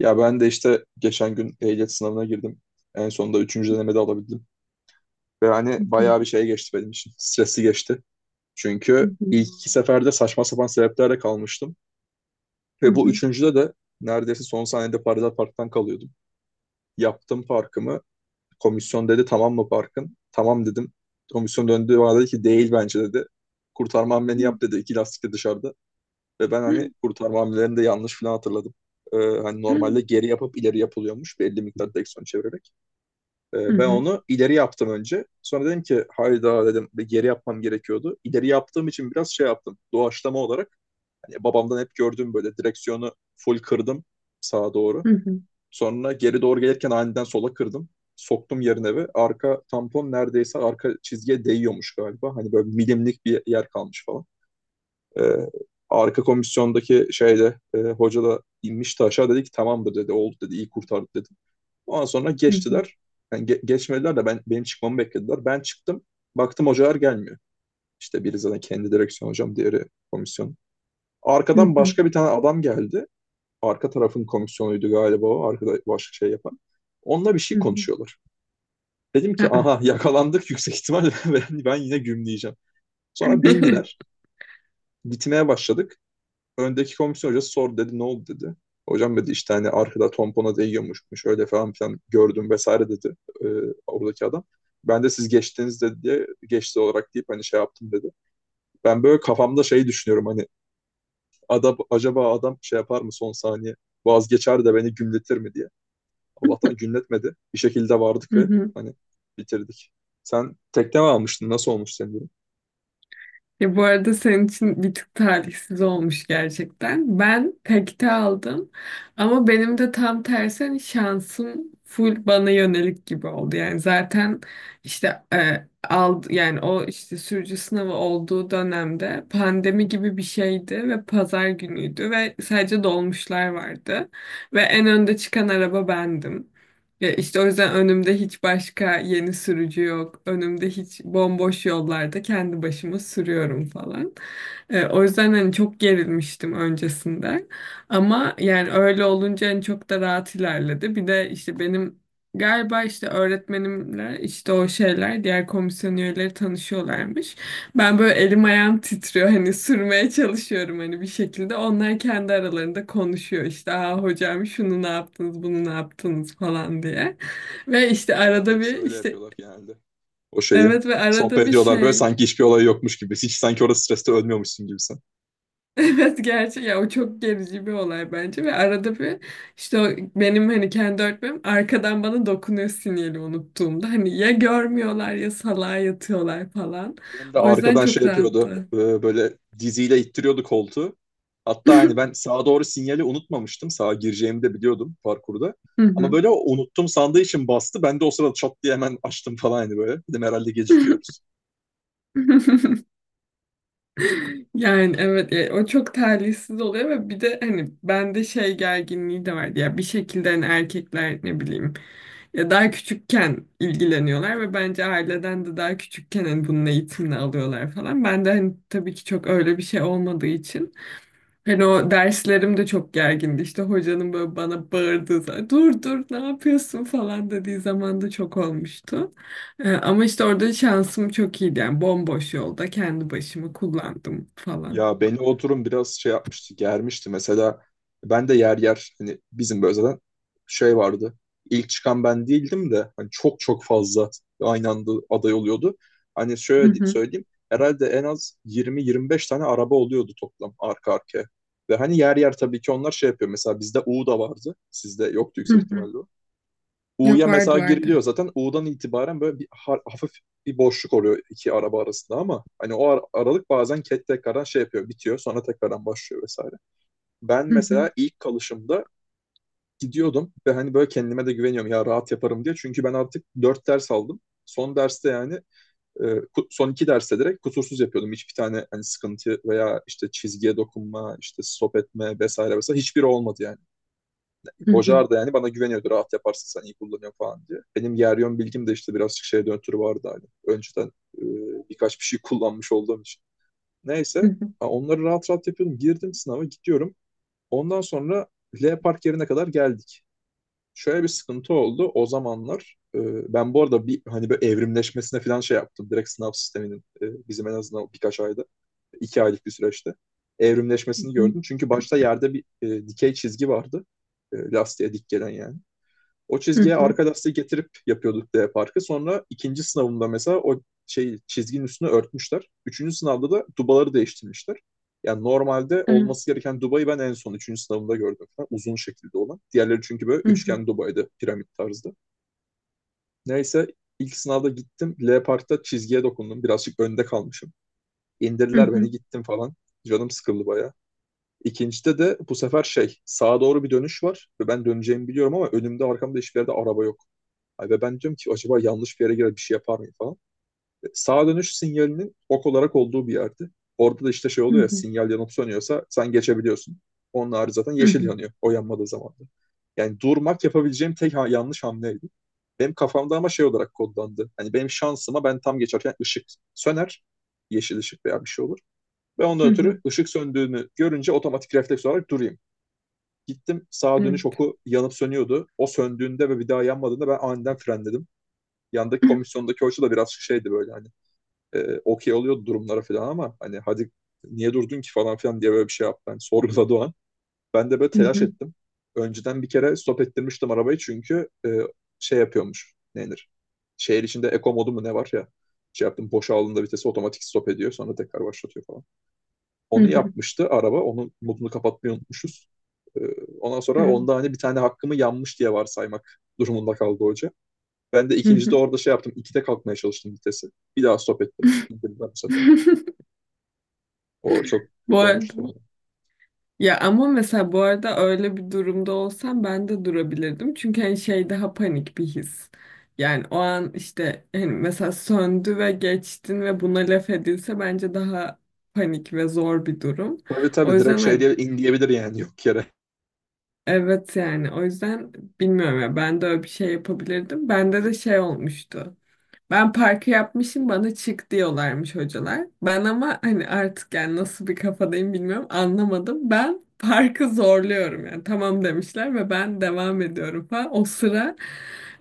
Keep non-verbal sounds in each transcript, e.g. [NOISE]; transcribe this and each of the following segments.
Ya ben de işte geçen gün ehliyet sınavına girdim. En sonunda üçüncü denemede alabildim. Ve hani Hı hı, bayağı bir şey geçti benim için. Stresli geçti. hı Çünkü hı, ilk iki seferde saçma sapan sebeplerle kalmıştım. hı Ve bu hı. üçüncüde de neredeyse son saniyede paralel parktan kalıyordum. Yaptım parkımı. Komisyon dedi tamam mı parkın? Tamam dedim. Komisyon döndü bana dedi ki değil bence dedi. Kurtarma hamleni Hı yap dedi. İki lastik de dışarıda. Ve ben hani kurtarma hamlelerini de yanlış falan hatırladım. Hani hı, normalde geri yapıp ileri yapılıyormuş belli miktar direksiyon çevirerek. hı Ben hı, onu ileri yaptım önce. Sonra dedim ki hayda dedim bir geri yapmam gerekiyordu. İleri yaptığım için biraz şey yaptım. Doğaçlama olarak hani babamdan hep gördüğüm böyle direksiyonu full kırdım sağa doğru. hı hı, Sonra geri doğru gelirken aniden sola kırdım. Soktum yerine ve arka tampon neredeyse arka çizgiye değiyormuş galiba. Hani böyle milimlik bir yer kalmış falan. Ee, Arka komisyondaki şeyde hoca da inmişti aşağı dedi ki tamamdır dedi oldu dedi iyi kurtardık dedi. Ondan sonra hı hı, geçtiler. Yani geçmediler de ben benim çıkmamı beklediler. Ben çıktım. Baktım hocalar gelmiyor. İşte biri zaten kendi direksiyon hocam, diğeri komisyon. hı Arkadan hı. başka bir tane adam geldi. Arka tarafın komisyonuydu galiba o. Arkada başka şey yapan. Onunla bir [LAUGHS] şey hı hı. konuşuyorlar. Dedim ki Aa. aha yakalandık yüksek ihtimalle [LAUGHS] ben, yine gümleyeceğim. Sonra bindiler. Gitmeye başladık. Öndeki komisyon hocası sordu dedi ne oldu dedi. Hocam dedi işte hani arkada tompona değiyormuşmuş öyle falan filan gördüm vesaire dedi e, oradaki adam. Ben de siz geçtiniz dedi diye geçti olarak deyip hani şey yaptım dedi. Ben böyle kafamda şeyi düşünüyorum hani adam, acaba adam şey yapar mı son saniye vazgeçer de beni gümletir mi diye. Allah'tan gümletmedi. Bir şekilde vardık ve [LAUGHS] hani bitirdik. Sen tekne mi almıştın? Nasıl olmuş senin durum? Ya bu arada senin için bir tık talihsiz olmuş gerçekten. Ben takite aldım ama benim de tam tersi hani şansım full bana yönelik gibi oldu. Yani zaten işte aldı yani o işte sürücü sınavı olduğu dönemde pandemi gibi bir şeydi ve pazar günüydü ve sadece dolmuşlar vardı ve en önde çıkan araba bendim. Ya işte o yüzden önümde hiç başka yeni sürücü yok. Önümde hiç bomboş yollarda kendi başıma sürüyorum falan. O yüzden hani çok gerilmiştim öncesinde. Ama yani öyle olunca hani çok da rahat ilerledi. Bir de işte benim galiba işte öğretmenimle işte o şeyler diğer komisyon üyeleri tanışıyorlarmış. Ben böyle elim ayağım titriyor hani sürmeye çalışıyorum hani bir şekilde. Onlar kendi aralarında konuşuyor işte aa hocam şunu ne yaptınız bunu ne yaptınız falan diye. Ve işte Evet ya arada bir hepsi öyle işte yapıyorlar genelde. O şeyi. evet ve arada Sohbet bir ediyorlar böyle şey sanki hiçbir olay yokmuş gibi. Hiç sanki orada streste ölmüyormuşsun gibi sen. [LAUGHS] evet gerçi ya o çok gerici bir olay bence ve arada bir işte o benim hani kendi öğretmenim arkadan bana dokunuyor sinyali unuttuğumda hani ya görmüyorlar ya salağa yatıyorlar falan. Benim de O yüzden arkadan şey çok yapıyordu. rahattı. Böyle diziyle ittiriyordu koltuğu. Hatta hani [LAUGHS] ben sağa doğru sinyali unutmamıştım. Sağa gireceğimi de biliyordum parkurda. Hı Ama hı. böyle o unuttum sandığı için bastı. Ben de o sırada çat diye hemen açtım falan hani böyle. Dedim herhalde gecikiyoruz. [LAUGHS] Yani evet ya o çok talihsiz oluyor ve bir de hani bende şey gerginliği de vardı ya bir şekilde hani erkekler ne bileyim ya daha küçükken ilgileniyorlar ve bence aileden de daha küçükken hani bunun eğitimini alıyorlar falan. Ben de hani tabii ki çok öyle bir şey olmadığı için hani o derslerim de çok gergindi. İşte hocanın böyle bana bağırdığı zaman dur dur ne yapıyorsun falan dediği zaman da çok olmuştu. Ama işte orada şansım çok iyiydi. Yani bomboş yolda kendi başımı kullandım falan. Ya beni o durum biraz şey yapmıştı, germişti. Mesela ben de yer yer hani bizim böyle zaten şey vardı. İlk çıkan ben değildim de hani çok fazla aynı anda aday oluyordu. Hani Hı şöyle hı, söyleyeyim herhalde en az 20-25 tane araba oluyordu toplam arka arkaya. Ve hani yer yer tabii ki onlar şey yapıyor. Mesela bizde U da vardı. Sizde yoktu hı yüksek hı. ihtimalle. Yok, U'ya mesela vardı giriliyor vardı. zaten. U'dan itibaren böyle bir hafif bir boşluk oluyor iki araba arasında ama hani o aralık bazen ket tekrardan şey yapıyor, bitiyor. Sonra tekrardan başlıyor vesaire. Ben Hı hı, mesela ilk kalışımda gidiyordum ve hani böyle kendime de güveniyorum ya rahat yaparım diye. Çünkü ben artık dört ders aldım. Son derste yani son iki derste direkt kusursuz yapıyordum. Hiçbir tane hani sıkıntı veya işte çizgiye dokunma, işte stop etme vesaire vesaire hiçbiri olmadı yani. hı hı, Hoca da yani bana güveniyordu. Rahat yaparsın sen iyi kullanıyorsun falan diye. Benim Yeryon bilgim de işte birazcık şeye döntürü vardı hani. Önceden e, birkaç bir şey kullanmış olduğum için. hı Neyse hı, onları rahat rahat yapıyordum. Girdim sınava gidiyorum. Ondan sonra L Park yerine kadar geldik. Şöyle bir sıkıntı oldu. O zamanlar ben bu arada bir hani böyle evrimleşmesine falan şey yaptım. Direkt sınav sisteminin bizim en azından birkaç ayda, iki aylık bir süreçte hı evrimleşmesini hı, gördüm. Çünkü başta yerde bir dikey çizgi vardı. Lastiğe dik gelen yani. O hı çizgiye hı, arka lastiği getirip yapıyorduk D parkı. Sonra ikinci sınavımda mesela o şey çizginin üstünü örtmüşler. Üçüncü sınavda da dubaları değiştirmişler. Yani normalde evet, olması gereken dubayı ben en son üçüncü sınavımda gördüm. Falan. Uzun şekilde olan. Diğerleri çünkü böyle hı hı, üçgen dubaydı piramit tarzda. Neyse ilk sınavda gittim. L parkta çizgiye dokundum. Birazcık önde kalmışım. hı İndirdiler hı, hı hı, beni gittim falan. Canım sıkıldı bayağı. İkincide de bu sefer şey sağa doğru bir dönüş var ve ben döneceğimi biliyorum ama önümde arkamda hiçbir yerde araba yok. Ve ben diyorum ki acaba yanlış bir yere girer bir şey yapar mıyım falan. Sağa dönüş sinyalinin ok olarak olduğu bir yerdi. Orada da işte şey oluyor ya sinyal yanıp sönüyorsa sen geçebiliyorsun. Onun harici zaten hı yeşil yanıyor o yanmadığı zaman da. Yani durmak yapabileceğim tek yanlış hamleydi. Benim kafamda ama şey olarak kodlandı. Hani benim şansıma ben tam geçerken ışık söner. Yeşil ışık veya bir şey olur. Ve ondan hı, hı hı, ötürü ışık söndüğünü görünce otomatik refleks olarak durayım. Gittim sağa dönüş evet. oku yanıp sönüyordu. O söndüğünde ve bir daha yanmadığında ben aniden frenledim yandaki [CLEARS THROAT] komisyondaki hoca da biraz şeydi böyle hani okey oluyordu durumlara falan ama hani hadi niye durdun ki falan filan diye böyle bir şey yaptı. Hani sorguladı o an. Ben de böyle Hı telaş hı, ettim. Önceden bir kere stop ettirmiştim arabayı çünkü şey yapıyormuş. Ne Şehir içinde eko modu mu ne var ya. Şey yaptım boşa aldığında vitesi otomatik stop ediyor sonra tekrar başlatıyor falan. hı Onu hı, yapmıştı araba. Onun modunu kapatmayı unutmuşuz. E, Ondan sonra onda evet, hani bir tane hakkımı yanmış diye varsaymak durumunda kaldı hoca. Ben de hı ikincide hı. orada şey yaptım. İkide kalkmaya çalıştım vitesi. Bir daha stop ettim. İndirdiler bu sefer. [LAUGHS] O çok kötü olmuştu Bu, bana. ya ama mesela bu arada öyle bir durumda olsam ben de durabilirdim. Çünkü hani şey daha panik bir his. Yani o an işte hani mesela söndü ve geçtin ve buna laf edilse bence daha panik ve zor bir durum. Tabii O tabii direkt yüzden şey hani diye in diyebilir yani yok yere. evet yani o yüzden bilmiyorum ya ben de öyle bir şey yapabilirdim. Bende de şey olmuştu. Ben parkı yapmışım bana çık diyorlarmış hocalar. Ben ama hani artık yani nasıl bir kafadayım bilmiyorum anlamadım. Ben parkı zorluyorum yani tamam demişler ve ben devam ediyorum falan. O sıra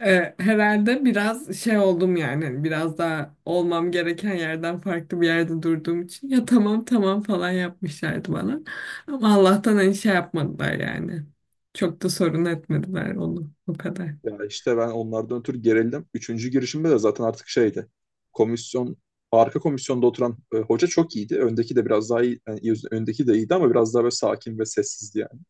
herhalde biraz şey oldum yani hani biraz daha olmam gereken yerden farklı bir yerde durduğum için ya tamam tamam falan yapmışlardı bana. Ama Allah'tan hani şey yapmadılar yani. Çok da sorun etmediler onu o kadar. Ya işte ben onlardan ötürü gerildim. Üçüncü girişimde de zaten artık şeydi. Komisyon arka komisyonda oturan hoca çok iyiydi. Öndeki de biraz daha iyi, yani öndeki de iyiydi ama biraz daha böyle sakin ve sessizdi yani.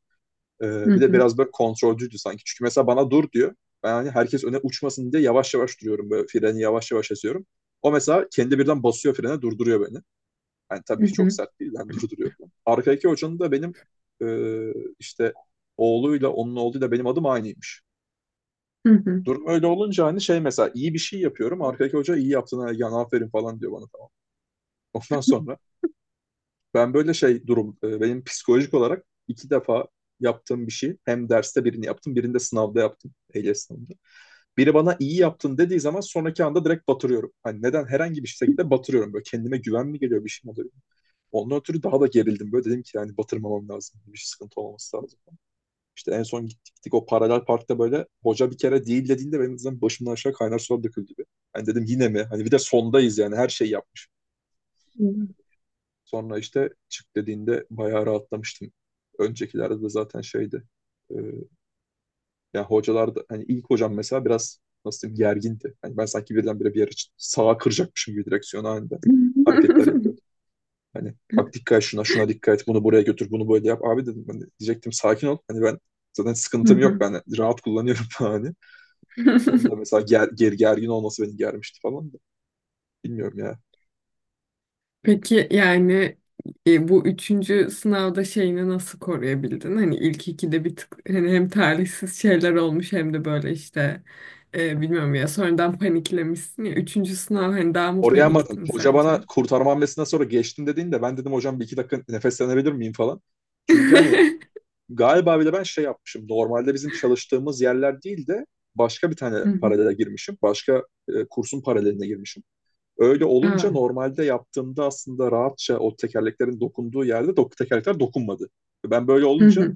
Hı Bir de hı, biraz böyle kontrolcüydü sanki. Çünkü mesela bana dur diyor. Ben hani herkes öne uçmasın diye yavaş yavaş duruyorum. Böyle freni yavaş yavaş açıyorum. O mesela kendi birden basıyor frene durduruyor beni. Yani tabii hı çok hı, sert değil. Ben durduruyorum. Arkadaki hocanın da benim e, işte oğluyla onun oğluyla benim adım aynıymış. hı Durum öyle olunca hani şey mesela iyi bir şey yapıyorum. Arkadaki hoca iyi yaptın Ergen aferin falan diyor bana tamam. Ondan sonra ben böyle şey durum benim psikolojik olarak iki defa yaptığım bir şey. Hem derste birini yaptım, birinde sınavda yaptım. Ehliyet sınavında. Biri bana iyi yaptın dediği zaman sonraki anda direkt batırıyorum. Hani neden? Herhangi bir şekilde batırıyorum. Böyle kendime güven mi geliyor bir şey mi oluyor? Ondan ötürü daha da gerildim böyle dedim ki yani batırmamam lazım. Bir sıkıntı olmaması lazım. İşte en son gittik o paralel parkta böyle hoca bir kere değil dediğinde benim zaten başımdan aşağı kaynar sular döküldü gibi. Hani dedim yine mi? Hani bir de sondayız yani her şey yapmış. hı. Sonra işte çık dediğinde bayağı rahatlamıştım. Öncekilerde de zaten şeydi. E, Yani hocalar da hani ilk hocam mesela biraz nasıl diyeyim gergindi. Hani ben sanki birdenbire bir yere sağa kıracakmışım gibi direksiyon halinde Hı hareketler yapıyor. Hani bak dikkat et şuna, şuna dikkat et, bunu buraya götür, bunu böyle yap. Abi dedim hani diyecektim sakin ol. Hani ben zaten sıkıntım yok hı. ben rahat kullanıyorum [LAUGHS] hani. Onun da [LAUGHS] mesela gergin olması beni germişti falan da. Bilmiyorum ya. Peki yani bu üçüncü sınavda şeyini nasıl koruyabildin? Hani ilk ikide bir tık hani hem talihsiz şeyler olmuş hem de böyle işte bilmiyorum ya sonradan paniklemişsin ya. Üçüncü sınav hani daha mı Oraya ama paniktin hoca bana sence? kurtarma hamlesinden sonra geçtim dediğinde ben dedim hocam bir iki dakika nefeslenebilir miyim falan. Çünkü hani [LAUGHS] galiba bile ben şey yapmışım. Normalde bizim çalıştığımız yerler değil de başka bir tane Hı hı. paralele girmişim. Başka kursun paraleline girmişim. Öyle olunca Aa. normalde yaptığımda aslında rahatça o tekerleklerin dokunduğu yerde dok tekerlekler dokunmadı. Ben böyle Hı olunca hı.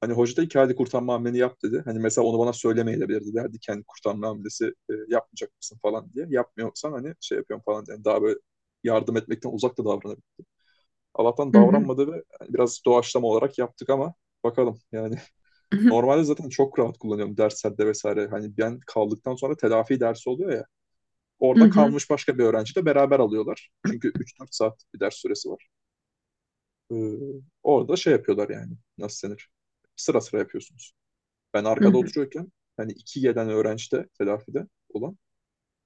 hani hoca da iki hadi kurtarma hamleni yap dedi. Hani mesela onu bana söylemeyebilirdi derdi kendi kurtarma hamlesi yapmayacak mısın falan diye. Yapmıyorsan hani şey yapıyorum falan diye. Yani daha böyle yardım etmekten uzak da davranabilir. Allah'tan Hı hı. davranmadı ve hani biraz doğaçlama olarak yaptık ama bakalım yani Hı [LAUGHS] hı. normalde zaten çok rahat kullanıyorum derslerde vesaire. Hani ben kaldıktan sonra telafi dersi oluyor ya. Hı Orada hı. kalmış başka bir öğrenci de beraber alıyorlar. Çünkü üç dört saat bir ders süresi var. Ee, Orada şey yapıyorlar yani. Nasıl denir? Sıra sıra yapıyorsunuz. Ben Hı arkada hı. oturuyorken hani iki gelen öğrenci de telafide olan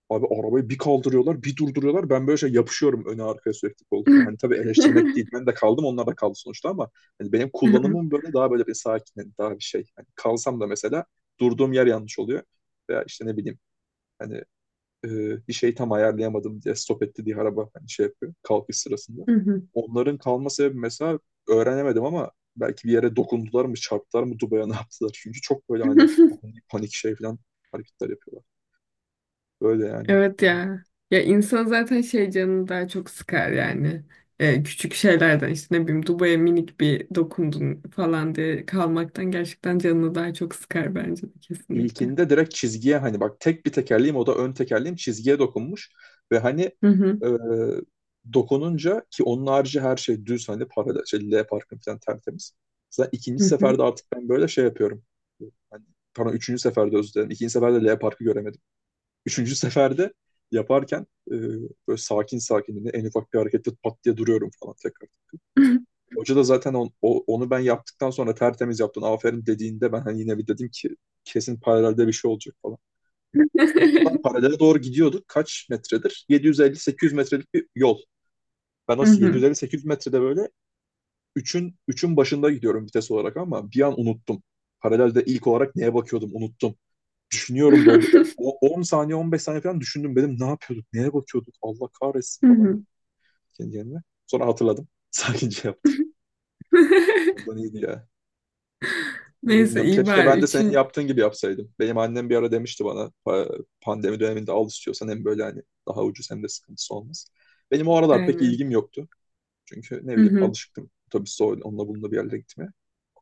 abi arabayı bir kaldırıyorlar bir durduruyorlar. Ben böyle şey yapışıyorum öne arkaya sürekli koltuğa. Hani tabii eleştirmek değil. [LAUGHS] Ben de kaldım onlar da kaldı sonuçta ama hani benim kullanımım böyle daha böyle bir sakin hani daha bir şey. Hani kalsam da mesela durduğum yer yanlış oluyor. Veya işte ne bileyim hani e, bir şey tam ayarlayamadım diye stop etti diye araba hani şey yapıyor kalkış sırasında. Hı hı. Onların kalma sebebi mesela öğrenemedim ama belki bir yere dokundular mı çarptılar mı Dubai'ye ne yaptılar. Çünkü çok böyle hani ani panik şey falan hareketler yapıyorlar. Böyle yani. Evet ya. Ya insan zaten şey canını daha çok sıkar yani. Küçük şeylerden işte ne bileyim Dubai'ye minik bir dokundun falan diye kalmaktan gerçekten canını daha çok sıkar bence de kesinlikle. İlkinde direkt çizgiye hani bak tek bir tekerleğim o da ön tekerleğim çizgiye dokunmuş ve hani Hı hı. e, dokununca ki onun harici her şey düz hani paralel şey, L parkın falan tertemiz. Zaten ikinci Hı hı. seferde artık ben böyle şey yapıyorum. Hani, pardon üçüncü seferde özür dilerim. İkinci seferde L parkı göremedim. Üçüncü seferde yaparken böyle sakin sakin hani en ufak bir harekette pat diye duruyorum falan tekrar. Hoca da zaten onu ben yaptıktan sonra tertemiz yaptın aferin dediğinde ben hani yine bir dedim ki kesin paralelde bir şey olacak falan [LAUGHS] paralele doğru gidiyorduk. Kaç metredir? 750-800 metrelik bir yol. Ben o Hı hı. 750-800 metrede böyle üçün üçün başında gidiyorum vites olarak ama bir an unuttum. Paralelde ilk olarak neye bakıyordum unuttum. Düşünüyorum böyle bir [LAUGHS] 10 saniye 15 saniye falan düşündüm. Dedim ne yapıyorduk? Neye bakıyorduk? Allah kahretsin Hı falan diye hı. kendi kendime. Sonra hatırladım. [LAUGHS] Sakince yaptım. Ondan [LAUGHS] iyiydi ya. Neyse Bilmiyorum. iyi Keşke bari ben de senin üçün yaptığın gibi yapsaydım. Benim annem bir ara demişti bana pandemi döneminde al istiyorsan hem böyle hani daha ucuz hem de sıkıntısı olmaz. Benim o aralar pek aynen. ilgim yoktu. Çünkü ne Hı bileyim hı. alışıktım otobüste onunla bununla bir yerlere gitmeye.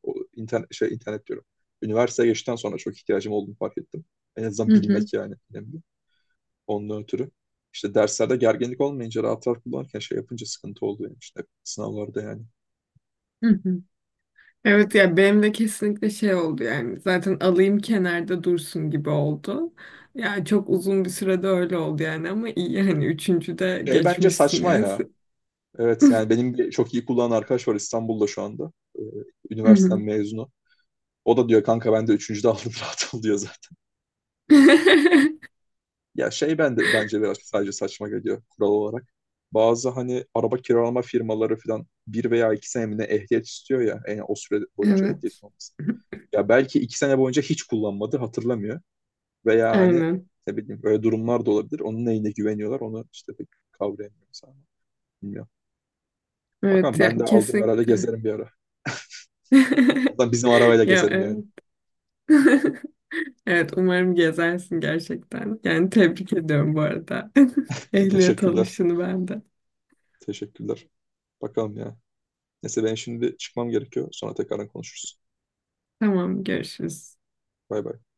O internet, şey, internet diyorum. Üniversiteye geçtikten sonra çok ihtiyacım olduğunu fark ettim. En azından Hı hı. bilmek yani önemli. Ondan ötürü. İşte derslerde gerginlik olmayınca rahat rahat kullanırken şey yapınca sıkıntı oldu yani işte sınavlarda yani. Hı hı. Evet yani benim de kesinlikle şey oldu yani zaten alayım kenarda dursun gibi oldu. Yani çok uzun bir sürede öyle oldu yani ama iyi yani üçüncüde Şey bence geçmişsin saçma yani. ya. Evet yani benim bir çok iyi kullanan arkadaş var İstanbul'da şu anda. Ee, Hı Üniversiteden hı. mezunu. O da diyor kanka ben de üçüncüde aldım [LAUGHS] rahat ol diyor zaten. [LAUGHS] Ya şey ben de bence biraz sadece saçma geliyor kural olarak. Bazı hani araba kiralama firmaları falan bir veya iki sene mi ne ehliyet istiyor ya. Yani o süre boyunca ehliyetin Evet. olması. Ya belki iki sene boyunca hiç kullanmadı hatırlamıyor. Veya hani Aynen. ne bileyim öyle durumlar da olabilir. Onun neyine güveniyorlar onu işte pek kavrayamıyorum sana. Bilmiyorum. Bakalım Evet ya ben de aldığım herhalde kesinlikle. gezerim bir ara. En [LAUGHS] azından bizim arabayla Ya gezerim yani. evet. [LAUGHS] Evet umarım gezersin gerçekten. Yani tebrik ediyorum bu arada. [LAUGHS] [LAUGHS] Ehliyet Teşekkürler. alışını ben de. Teşekkürler. Bakalım ya. Neyse ben şimdi çıkmam gerekiyor. Sonra tekrardan konuşuruz. Tamam, görüşürüz. Bay bay.